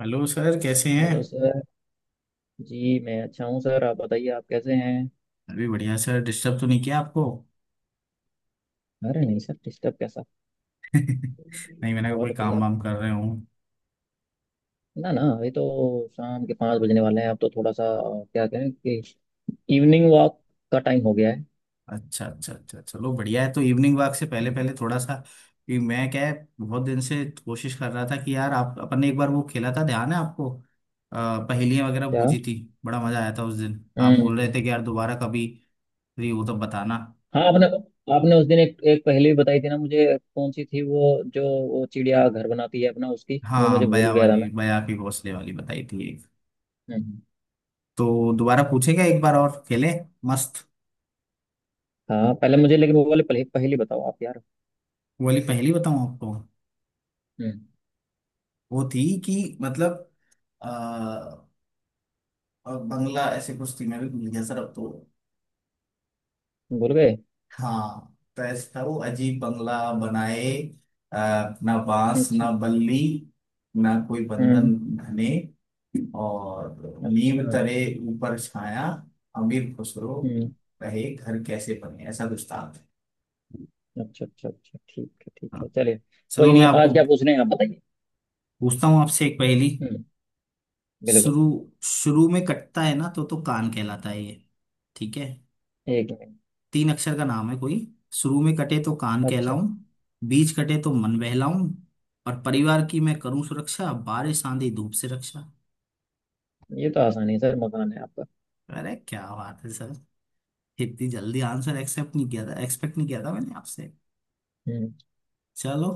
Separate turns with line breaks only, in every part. Hello sir, कैसे हैं?
Hello sir. Ji, मैं अच्छा हूँ सर। आप बताइए, आप कैसे हैं?
अभी बढ़िया सर। डिस्टर्ब तो नहीं किया आपको?
अरे नहीं सर, डिस्टर्ब कैसा।
नहीं, मैंने कहा
और
कोई
बताइए
काम
आप।
वाम कर रहे हूँ।
ना ना, अभी तो शाम के 5 बजने वाले हैं, अब तो थोड़ा सा क्या कहें कि इवनिंग वॉक का टाइम हो गया है।
अच्छा अच्छा अच्छा अच्छा, चलो बढ़िया है। तो इवनिंग वॉक से पहले
हम्म,
पहले थोड़ा सा कि मैं, क्या है, बहुत दिन से कोशिश कर रहा था कि यार, आप अपन ने एक बार वो खेला था, ध्यान है आपको, पहेलियां वगैरह
क्या?
बूझी थी। बड़ा मजा आया था उस दिन। आप बोल रहे
हम्म।
थे कि यार दोबारा कभी फ्री हो तो बताना।
हाँ, आपने आपने उस दिन एक पहले भी बताई थी ना मुझे। कौन सी थी वो जो वो चिड़िया घर बनाती है अपना, उसकी वो मुझे
हाँ,
भूल
बया
गया था
वाली,
मैं।
बया के घोंसले वाली बताई थी एक।
हम्म।
तो दोबारा पूछेगा, एक बार और खेले। मस्त।
हाँ पहले मुझे, लेकिन वो वाले पहले पहले बताओ आप यार।
वो वाली पहेली बताऊँ आपको?
हम्म।
वो थी कि मतलब आ, और बंगला, ऐसे कुछ थी, मैं भी भूल गया सर अब तो।
भूल गए?
हाँ। तो ऐसा था वो, अजीब बंगला बनाए, आ, ना बांस
अच्छा।
ना बल्ली, ना कोई बंधन
हम्म।
घने, और
अच्छा।
नींव तरे ऊपर छाया, अमीर खुश रहो,
हम्म।
रहे घर कैसे बने, ऐसा कुछ था।
अच्छा अच्छा अच्छा, ठीक है ठीक
हाँ।
है, चलिए। कोई
चलो मैं
नहीं, आज
आपको
क्या पूछने हैं आप बताइए।
पूछता हूँ आपसे एक पहेली।
हम्म। बिल्कुल।
शुरू। शुरू में कटता है ना तो कान कहलाता है ये। ठीक है।
एक मिनट।
तीन अक्षर का नाम है कोई। शुरू में कटे तो कान
अच्छा।
कहलाऊं, बीच कटे तो मन बहलाऊं, और परिवार की मैं करूं सुरक्षा, बारिश आंधी धूप से रक्षा।
ये तो आसान है सर, मकान है आपका।
अरे क्या बात है सर! इतनी जल्दी आंसर, एक्सेप्ट नहीं किया था एक्सपेक्ट नहीं किया था मैंने आपसे।
हम्म।
चलो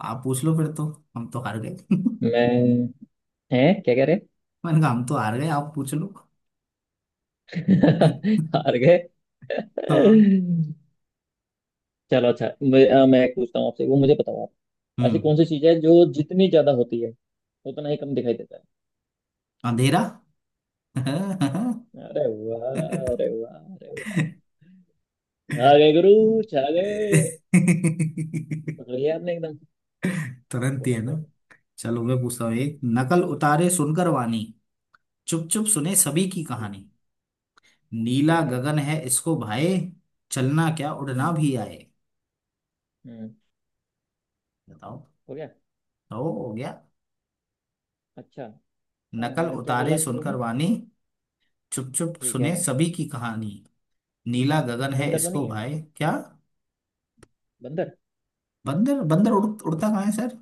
आप पूछ लो फिर तो। हम तो हार गए।
मैं, है? क्या कह रहे?
मैंने कहा हम तो हार गए, आप पूछ लो।
हार गए?
हाँ।
चलो अच्छा, मैं एक पूछता हूँ आपसे, वो मुझे बताओ आप। ऐसी
हम्म।
कौन सी चीज है जो जितनी ज्यादा होती है उतना ही कम दिखाई देता है?
अंधेरा।
अरे वाह। अरे वाह, अरे वाह, आ गए गुरु, छा गए। पकड़ लिया आपने एकदम।
तुरंत ही है
बहुत
ना।
बढ़िया।
चलो मैं पूछता हूँ
हम्म,
एक। नकल उतारे सुनकर वाणी, चुप चुप सुने सभी की
ठीक।
कहानी, नीला
ठीक है।
गगन है इसको भाए, चलना क्या उड़ना
हम्म
भी आए।
हम्म।
बताओ।
हो गया।
तो हो गया?
अच्छा।
नकल
क्या
उतारे
बोला शुरू में?
सुनकर वाणी, चुप चुप
ठीक है।
सुने सभी की कहानी, नीला गगन है
बंदर तो
इसको
नहीं है?
भाए क्या।
बंदर?
बंदर? बंदर उड़ता कहाँ है सर?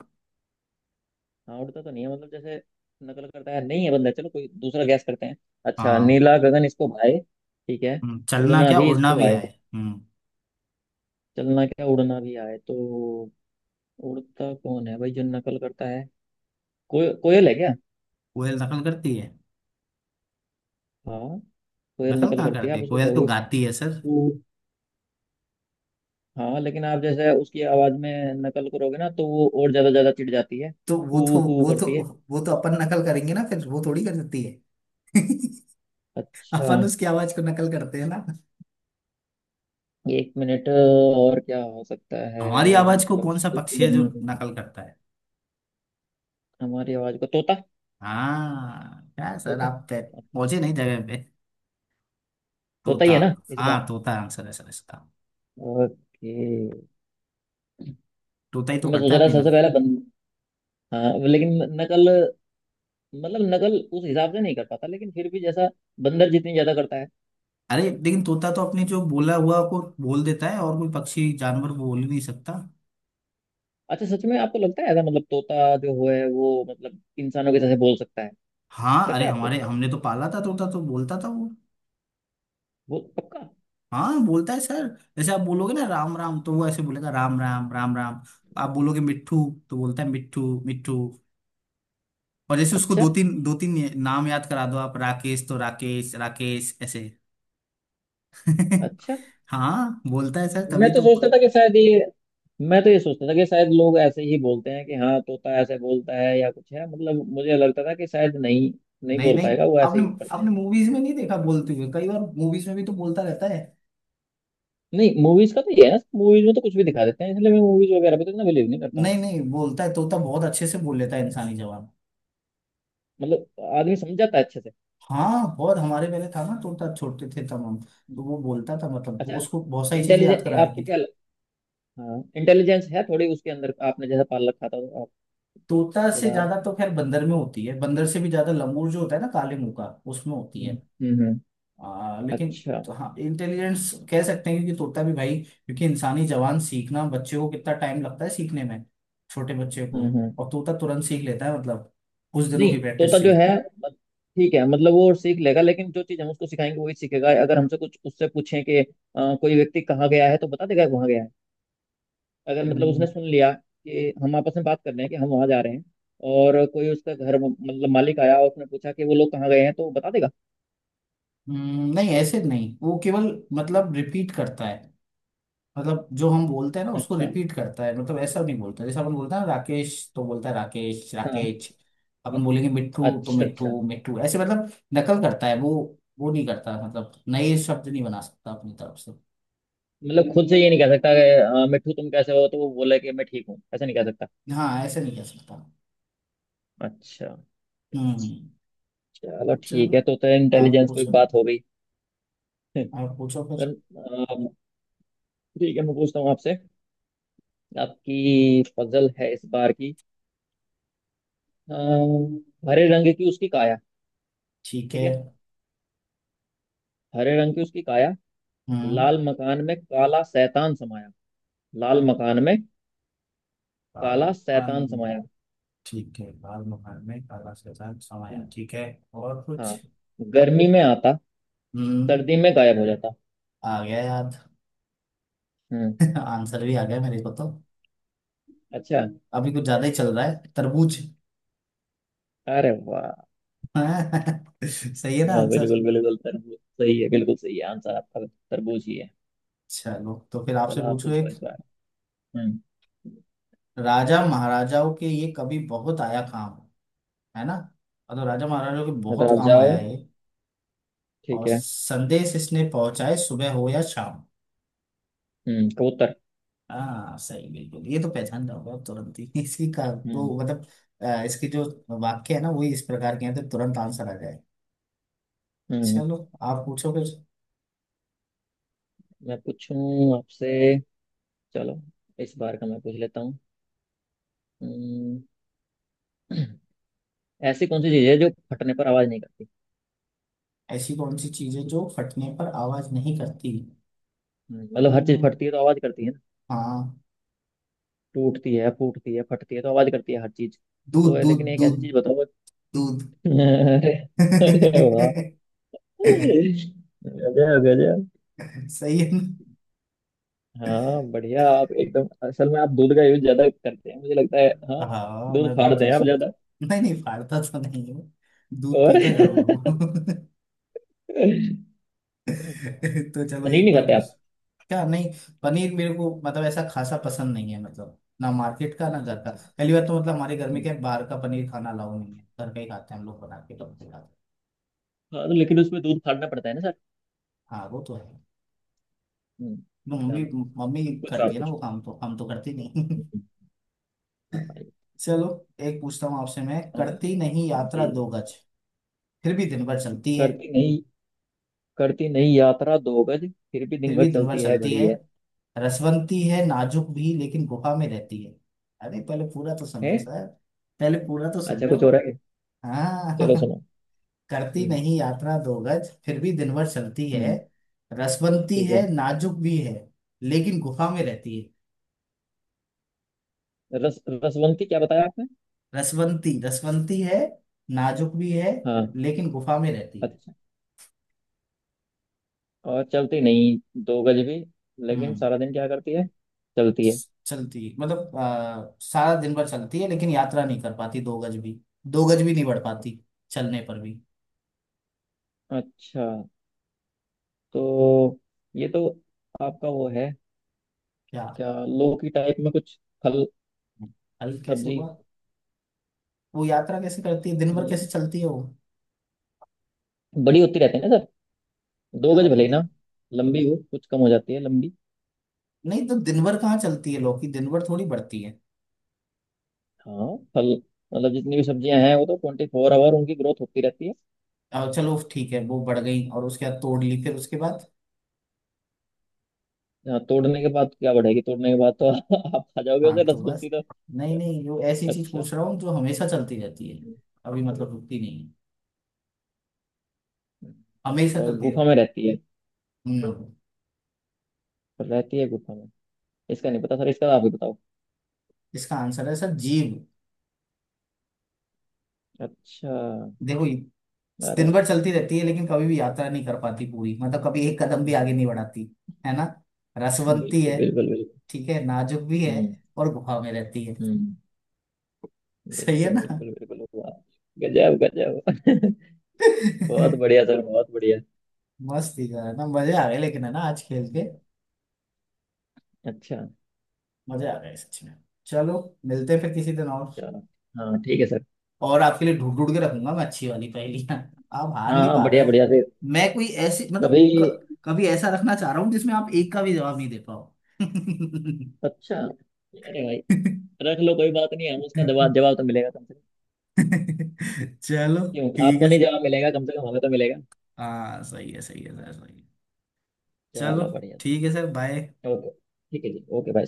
हाँ, उड़ता तो नहीं है मतलब, जैसे नकल करता है, नहीं है बंदर। चलो कोई दूसरा गैस करते हैं। अच्छा,
हाँ।
नीला गगन इसको भाए। ठीक है।
चलना
उड़ना
क्या
भी
उड़ना
इसको
भी
आए।
आए। हम्म।
चलना क्या उड़ना भी आए तो उड़ता कौन है भाई जो नकल करता है? कोयल है क्या?
कोयल नकल करती है?
हाँ। कोयल
नकल
नकल
कहाँ
करती है,
करती
आप
है,
उसको
कोयल तो
कहोगे।
गाती है सर।
कू। हाँ, लेकिन आप जैसे उसकी आवाज में नकल करोगे ना तो वो और ज्यादा ज्यादा चिढ़ जाती है,
तो वो तो
कू कू
वो तो
करती है।
वो तो अपन नकल करेंगे ना, फिर वो थोड़ी कर सकती है।
अच्छा।
अपन उसकी आवाज को नकल करते हैं ना।
एक मिनट, और क्या हो सकता है?
हमारी आवाज को
मतलब
कौन सा
जिसको
पक्षी है जो
पकड़ना है
नकल करता है?
हमारी आवाज को, तोता।
हाँ क्या सर,
तोता।
आप पे पहुंचे
अच्छा।
नहीं जगह पे।
तोता ही
तोता।
है ना इस बार?
हाँ तोता आंसर है सर इसका।
ओके।
तोता ही तो
मैं सोच
करता
रहा
है अपनी
था सबसे
नकल।
पहले बंद हाँ, लेकिन नकल, मतलब नकल उस हिसाब से नहीं कर पाता, लेकिन फिर भी जैसा बंदर जितनी ज्यादा करता है।
अरे लेकिन तोता तो अपने जो बोला हुआ को बोल देता है, और कोई पक्षी जानवर बोल ही नहीं सकता।
अच्छा, सच में आपको लगता है ऐसा? मतलब तोता जो है वो मतलब इंसानों के जैसे बोल सकता है?
हाँ
लगता
अरे,
है आपको?
हमारे हमने तो पाला था तोता, तो बोलता था वो।
वो पक्का?
हाँ बोलता है सर। जैसे आप बोलोगे ना राम राम, तो वो ऐसे बोलेगा राम राम राम राम। आप बोलोगे मिट्ठू, तो बोलता है मिट्ठू मिट्ठू। और जैसे उसको
अच्छा
दो तीन नाम याद करा दो, आप राकेश, तो राकेश राकेश ऐसे।
अच्छा।
हाँ बोलता है सर,
मैं
तभी
तो
तो।
सोचता था कि शायद ये, मैं तो ये सोचता था कि शायद लोग ऐसे ही बोलते हैं कि हाँ तोता ऐसे बोलता है या कुछ है, मतलब मुझे लगता था कि शायद नहीं, नहीं
नहीं
बोल
नहीं।
पाएगा, वो ऐसे
आपने
ही करते
आपने
हैं।
मूवीज में नहीं देखा बोलते हुए, कई बार मूवीज में भी तो बोलता रहता है।
नहीं, मूवीज का तो ये है ना, मूवीज में तो कुछ भी दिखा देते हैं, इसलिए मैं मूवीज वगैरह पे तो इतना बिलीव नहीं करता हूँ।
नहीं नहीं, बोलता है तोता, बहुत अच्छे से बोल लेता है इंसानी जवाब।
मतलब आदमी समझ जाता है अच्छे से?
हाँ बहुत। हमारे पहले था ना तोता, छोटे थे तब हम, तो
हम्म।
वो बोलता था मतलब
अच्छा।
उसको बहुत सारी चीजें याद
इंटेलिजेंस
करा
आपको
रखी
क्या
थी।
हाँ, इंटेलिजेंस है थोड़ी उसके अंदर, आपने जैसा पाल रखा था तो आप
तोता से
थोड़ा।
ज्यादा तो खैर बंदर में होती है, बंदर से भी ज्यादा लंगूर जो होता है ना, काले मुंह का, उसमें होती है।
हम्म। हम्म हम्म।
लेकिन
अच्छा।
तो हाँ, इंटेलिजेंस कह सकते हैं, क्योंकि तोता भी भाई, क्योंकि इंसानी जवान सीखना, बच्चे को कितना टाइम लगता है सीखने में, छोटे बच्चे को,
हम्म।
और तोता तुरंत सीख लेता है मतलब कुछ दिनों की
नहीं,
प्रैक्टिस
तोता
से
जो
ही।
है मत- ठीक है, मतलब वो सीख लेगा, लेकिन जो चीज हम उसको सिखाएंगे वही सीखेगा। अगर हमसे कुछ उससे पूछें कि कोई व्यक्ति कहाँ गया है तो बता देगा वहां गया है। अगर मतलब
हम्म।
उसने सुन लिया कि हम आपस में बात कर रहे हैं कि हम वहां जा रहे हैं और कोई उसका घर मतलब मालिक आया और उसने पूछा कि वो लोग कहाँ गए हैं तो बता देगा।
नहीं ऐसे नहीं, वो केवल मतलब रिपीट करता है। मतलब जो हम बोलते हैं ना, उसको
अच्छा।
रिपीट करता है। मतलब ऐसा नहीं बोलता, जैसे अपन बोलते हैं ना राकेश तो बोलता है राकेश
हाँ।
राकेश। अपन बोलेंगे मिट्ठू तो
अच्छा अच्छा।
मिट्ठू मिट्ठू, ऐसे मतलब नकल करता है वो। वो नहीं करता मतलब नए शब्द नहीं बना सकता अपनी तरफ से।
मतलब खुद से ये नहीं कह सकता कि मिट्ठू तुम कैसे हो, तो वो बोले कि मैं ठीक हूँ, ऐसा नहीं कह सकता।
हाँ ऐसे नहीं कह सकता।
अच्छा।
हम्म हम्म।
चलो ठीक
चलो
है, तो
आप
इंटेलिजेंस पे एक
पूछो।
बात हो गई।
आप पूछो फिर।
सर, ठीक है, मैं पूछता हूँ आपसे। आपकी पजल है इस बार की। अम, हरे रंग की उसकी काया।
ठीक
ठीक
है।
है। हरे रंग की उसकी काया,
हम्म।
लाल मकान में काला शैतान समाया। लाल मकान में
काल।
काला शैतान
अन-
समाया।
ठीक है, काल महान में कालाश के साथ समाया, ठीक है। और कुछ?
हाँ। गर्मी में आता,
हम्म।
सर्दी में गायब हो जाता।
आ गया याद।
हम्म।
आंसर भी आ गया मेरे को तो।
अच्छा।
अभी कुछ ज्यादा ही चल रहा है, तरबूज।
अरे वाह।
सही है ना
हाँ,
आंसर?
बिल्कुल बिल्कुल, तरबूज सही है, बिल्कुल सही है आंसर आपका, तरबूज ही है।
चलो तो फिर आपसे
चलो आप
पूछो
पूछो
एक।
इस बार। हम्म।
राजा महाराजाओं के ये कभी बहुत आया काम, है ना, और तो राजा महाराजाओं के बहुत
मतलब आप
काम आया
जाओ।
है, और
ठीक है।
संदेश इसने पहुंचाए सुबह हो या शाम।
हम्म, कबूतर।
हाँ सही बिल्कुल, ये तो पहचान जाओगे आप तुरंत ही। इसी का
हम्म।
वो मतलब इसके जो वाक्य है ना, वही इस प्रकार के हैं, तो तुरंत आंसर आ जाए।
हम्म।
चलो आप पूछो फिर।
मैं पूछूं आपसे। चलो। इस बार का मैं पूछ लेता हूँ। हम्म, ऐसी कौन सी चीज है जो फटने पर आवाज नहीं करती?
ऐसी कौन सी चीज है जो फटने पर आवाज नहीं करती?
मतलब हर चीज
हम्म।
फटती है तो आवाज करती है ना।
हाँ।
टूटती है फूटती है फटती है तो आवाज करती है हर चीज। तो
दूध दूध
लेकिन एक
दूध।
ऐसी चीज बताओ।
दूध।
अरे। अरे वाह। गजब गजब।
सही है ना?
हाँ बढ़िया, आप एकदम, असल में आप दूध का यूज ज्यादा करते हैं मुझे लगता है, हाँ।
हाँ
दूध
मैं बहुत
फाड़ते हैं
यूज
आप
करता
ज्यादा।
हूँ। नहीं नहीं, फाड़ता तो नहीं हूँ, दूध
और
पीता जरूर हूँ। तो चलो
पनीर
एक
नहीं
मैं
खाते
पूछ।
आप?
क्या? नहीं, पनीर मेरे को मतलब ऐसा खासा पसंद नहीं है, मतलब ना मार्केट का ना
अच्छा
घर का।
अच्छा।
पहली बात तो मतलब हमारे घर में क्या है,
हम्म।
बाहर का पनीर खाना अलाउ नहीं है, घर का ही खाते हैं हम लोग, बना के कब
अच्छा।
भी खाते हैं।
हाँ तो लेकिन उसमें दूध फाड़ना पड़ता है ना।
हाँ वो तो है।
हम्म।
वो मम्मी,
चलो।
मम्मी
कुछ
करती
आप,
है ना
कुछ
वो काम, तो हम तो करते नहीं।
हाँ भाई,
चलो एक पूछता हूँ आपसे मैं।
और
करती नहीं
जी।
यात्रा दो गज, फिर भी दिन भर चलती है।
करती नहीं, करती नहीं यात्रा 2 गज, फिर भी दिन
फिर
भर
भी दिन भर
चलती है,
चलती
घड़ी
है,
है?
रसवंती है नाजुक भी, लेकिन गुफा में रहती है। अरे पहले पूरा तो सुन लो
हैं?
सर, पहले पूरा तो सुन
अच्छा
लो।
कुछ हो रहा है।
हाँ।
चलो सुनो।
करती
हम्म।
नहीं यात्रा दो गज, फिर भी दिन भर चलती है,
हम्म।
रसवंती
ठीक है।
है नाजुक भी है, लेकिन गुफा में रहती है।
रस रसवंती क्या बताया आपने?
रसवंती, रसवंती है, नाजुक भी है,
हाँ।
लेकिन गुफा में रहती है।
अच्छा। और चलती नहीं 2 गज भी, लेकिन
हम्म।
सारा दिन क्या करती है, चलती है?
चलती मतलब सारा दिन भर चलती है लेकिन यात्रा नहीं कर पाती दो गज भी, दो गज भी नहीं बढ़ पाती, चलने पर भी।
अच्छा। तो ये तो आपका वो है?
क्या?
क्या? लौकी टाइप में कुछ, फल,
हल कैसे
सब्जी?
हुआ? वो यात्रा कैसे करती है, दिन भर कैसे चलती है वो?
बड़ी होती रहती है ना, 2 गज
यार,
भले ही ना लंबी हो, कुछ कम हो जाती है लंबी।
नहीं तो दिन भर कहाँ चलती है लौकी, दिन भर थोड़ी बढ़ती है।
हाँ, फल, मतलब जितनी भी सब्जियां हैं वो तो 24 आवर उनकी ग्रोथ होती रहती है।
चलो ठीक है, वो बढ़ गई और उसके बाद तोड़ ली, फिर उसके बाद?
हाँ, तोड़ने के बाद क्या बढ़ेगी, तोड़ने के बाद तो आप खा जाओगे
हाँ
उसे,
तो
रसगुंती
बस।
तो।
नहीं नहीं, वो ऐसी चीज
अच्छा।
पूछ रहा हूँ जो हमेशा चलती रहती है, अभी मतलब रुकती नहीं है, हमेशा
और
चलती
गुफा में
रहती
रहती है?
है। हम्म।
रहती है गुफा में? इसका नहीं पता सर, इसका आप ही बताओ।
इसका आंसर है सर, जीभ।
अच्छा।
देखो ये
अरे।
दिन भर चलती रहती है, लेकिन कभी भी यात्रा नहीं कर पाती पूरी, मतलब कभी एक कदम भी आगे
हम्म,
नहीं बढ़ाती, है ना। रसवंती
बिल्कुल
है,
बिल्कुल बिल्कुल।
ठीक है, नाजुक भी है,
हम्म।
और गुफा में रहती है।
हम्म।
सही है
बिल्कुल
ना?
बिल्कुल बिल्कुल, वाह। गजब गजब। बहुत बढ़िया सर, बहुत बढ़िया।
मस्त ही था ना, मजे आ गए लेकिन, है ना, आज खेल के।
हम्म, अच्छा।
मजे आ गए सच में। चलो मिलते हैं फिर किसी दिन और।
चलो। हाँ ठीक है सर।
और आपके लिए ढूंढ ढूंढ के रखूंगा मैं अच्छी वाली पहेलियां। आप हार
हाँ
नहीं
हाँ,
पा रहे
बढ़िया बढ़िया
हो।
फिर।
मैं कोई ऐसी, मतलब
कभी।
कभी ऐसा रखना चाह रहा हूँ जिसमें आप एक का भी जवाब नहीं दे पाओ।
अच्छा, अरे भाई, रख लो कोई बात नहीं, हम उसका जवाब जवाब तो मिलेगा कम से कम।
चलो
क्यों,
ठीक
आपको
है।
नहीं जवाब मिलेगा, कम से कम हमें तो मिलेगा।
हाँ सही है, सही है सर, सही है। चलो
चलो बढ़िया।
ठीक है सर, बाय।
ओके ठीक है जी, ओके भाई।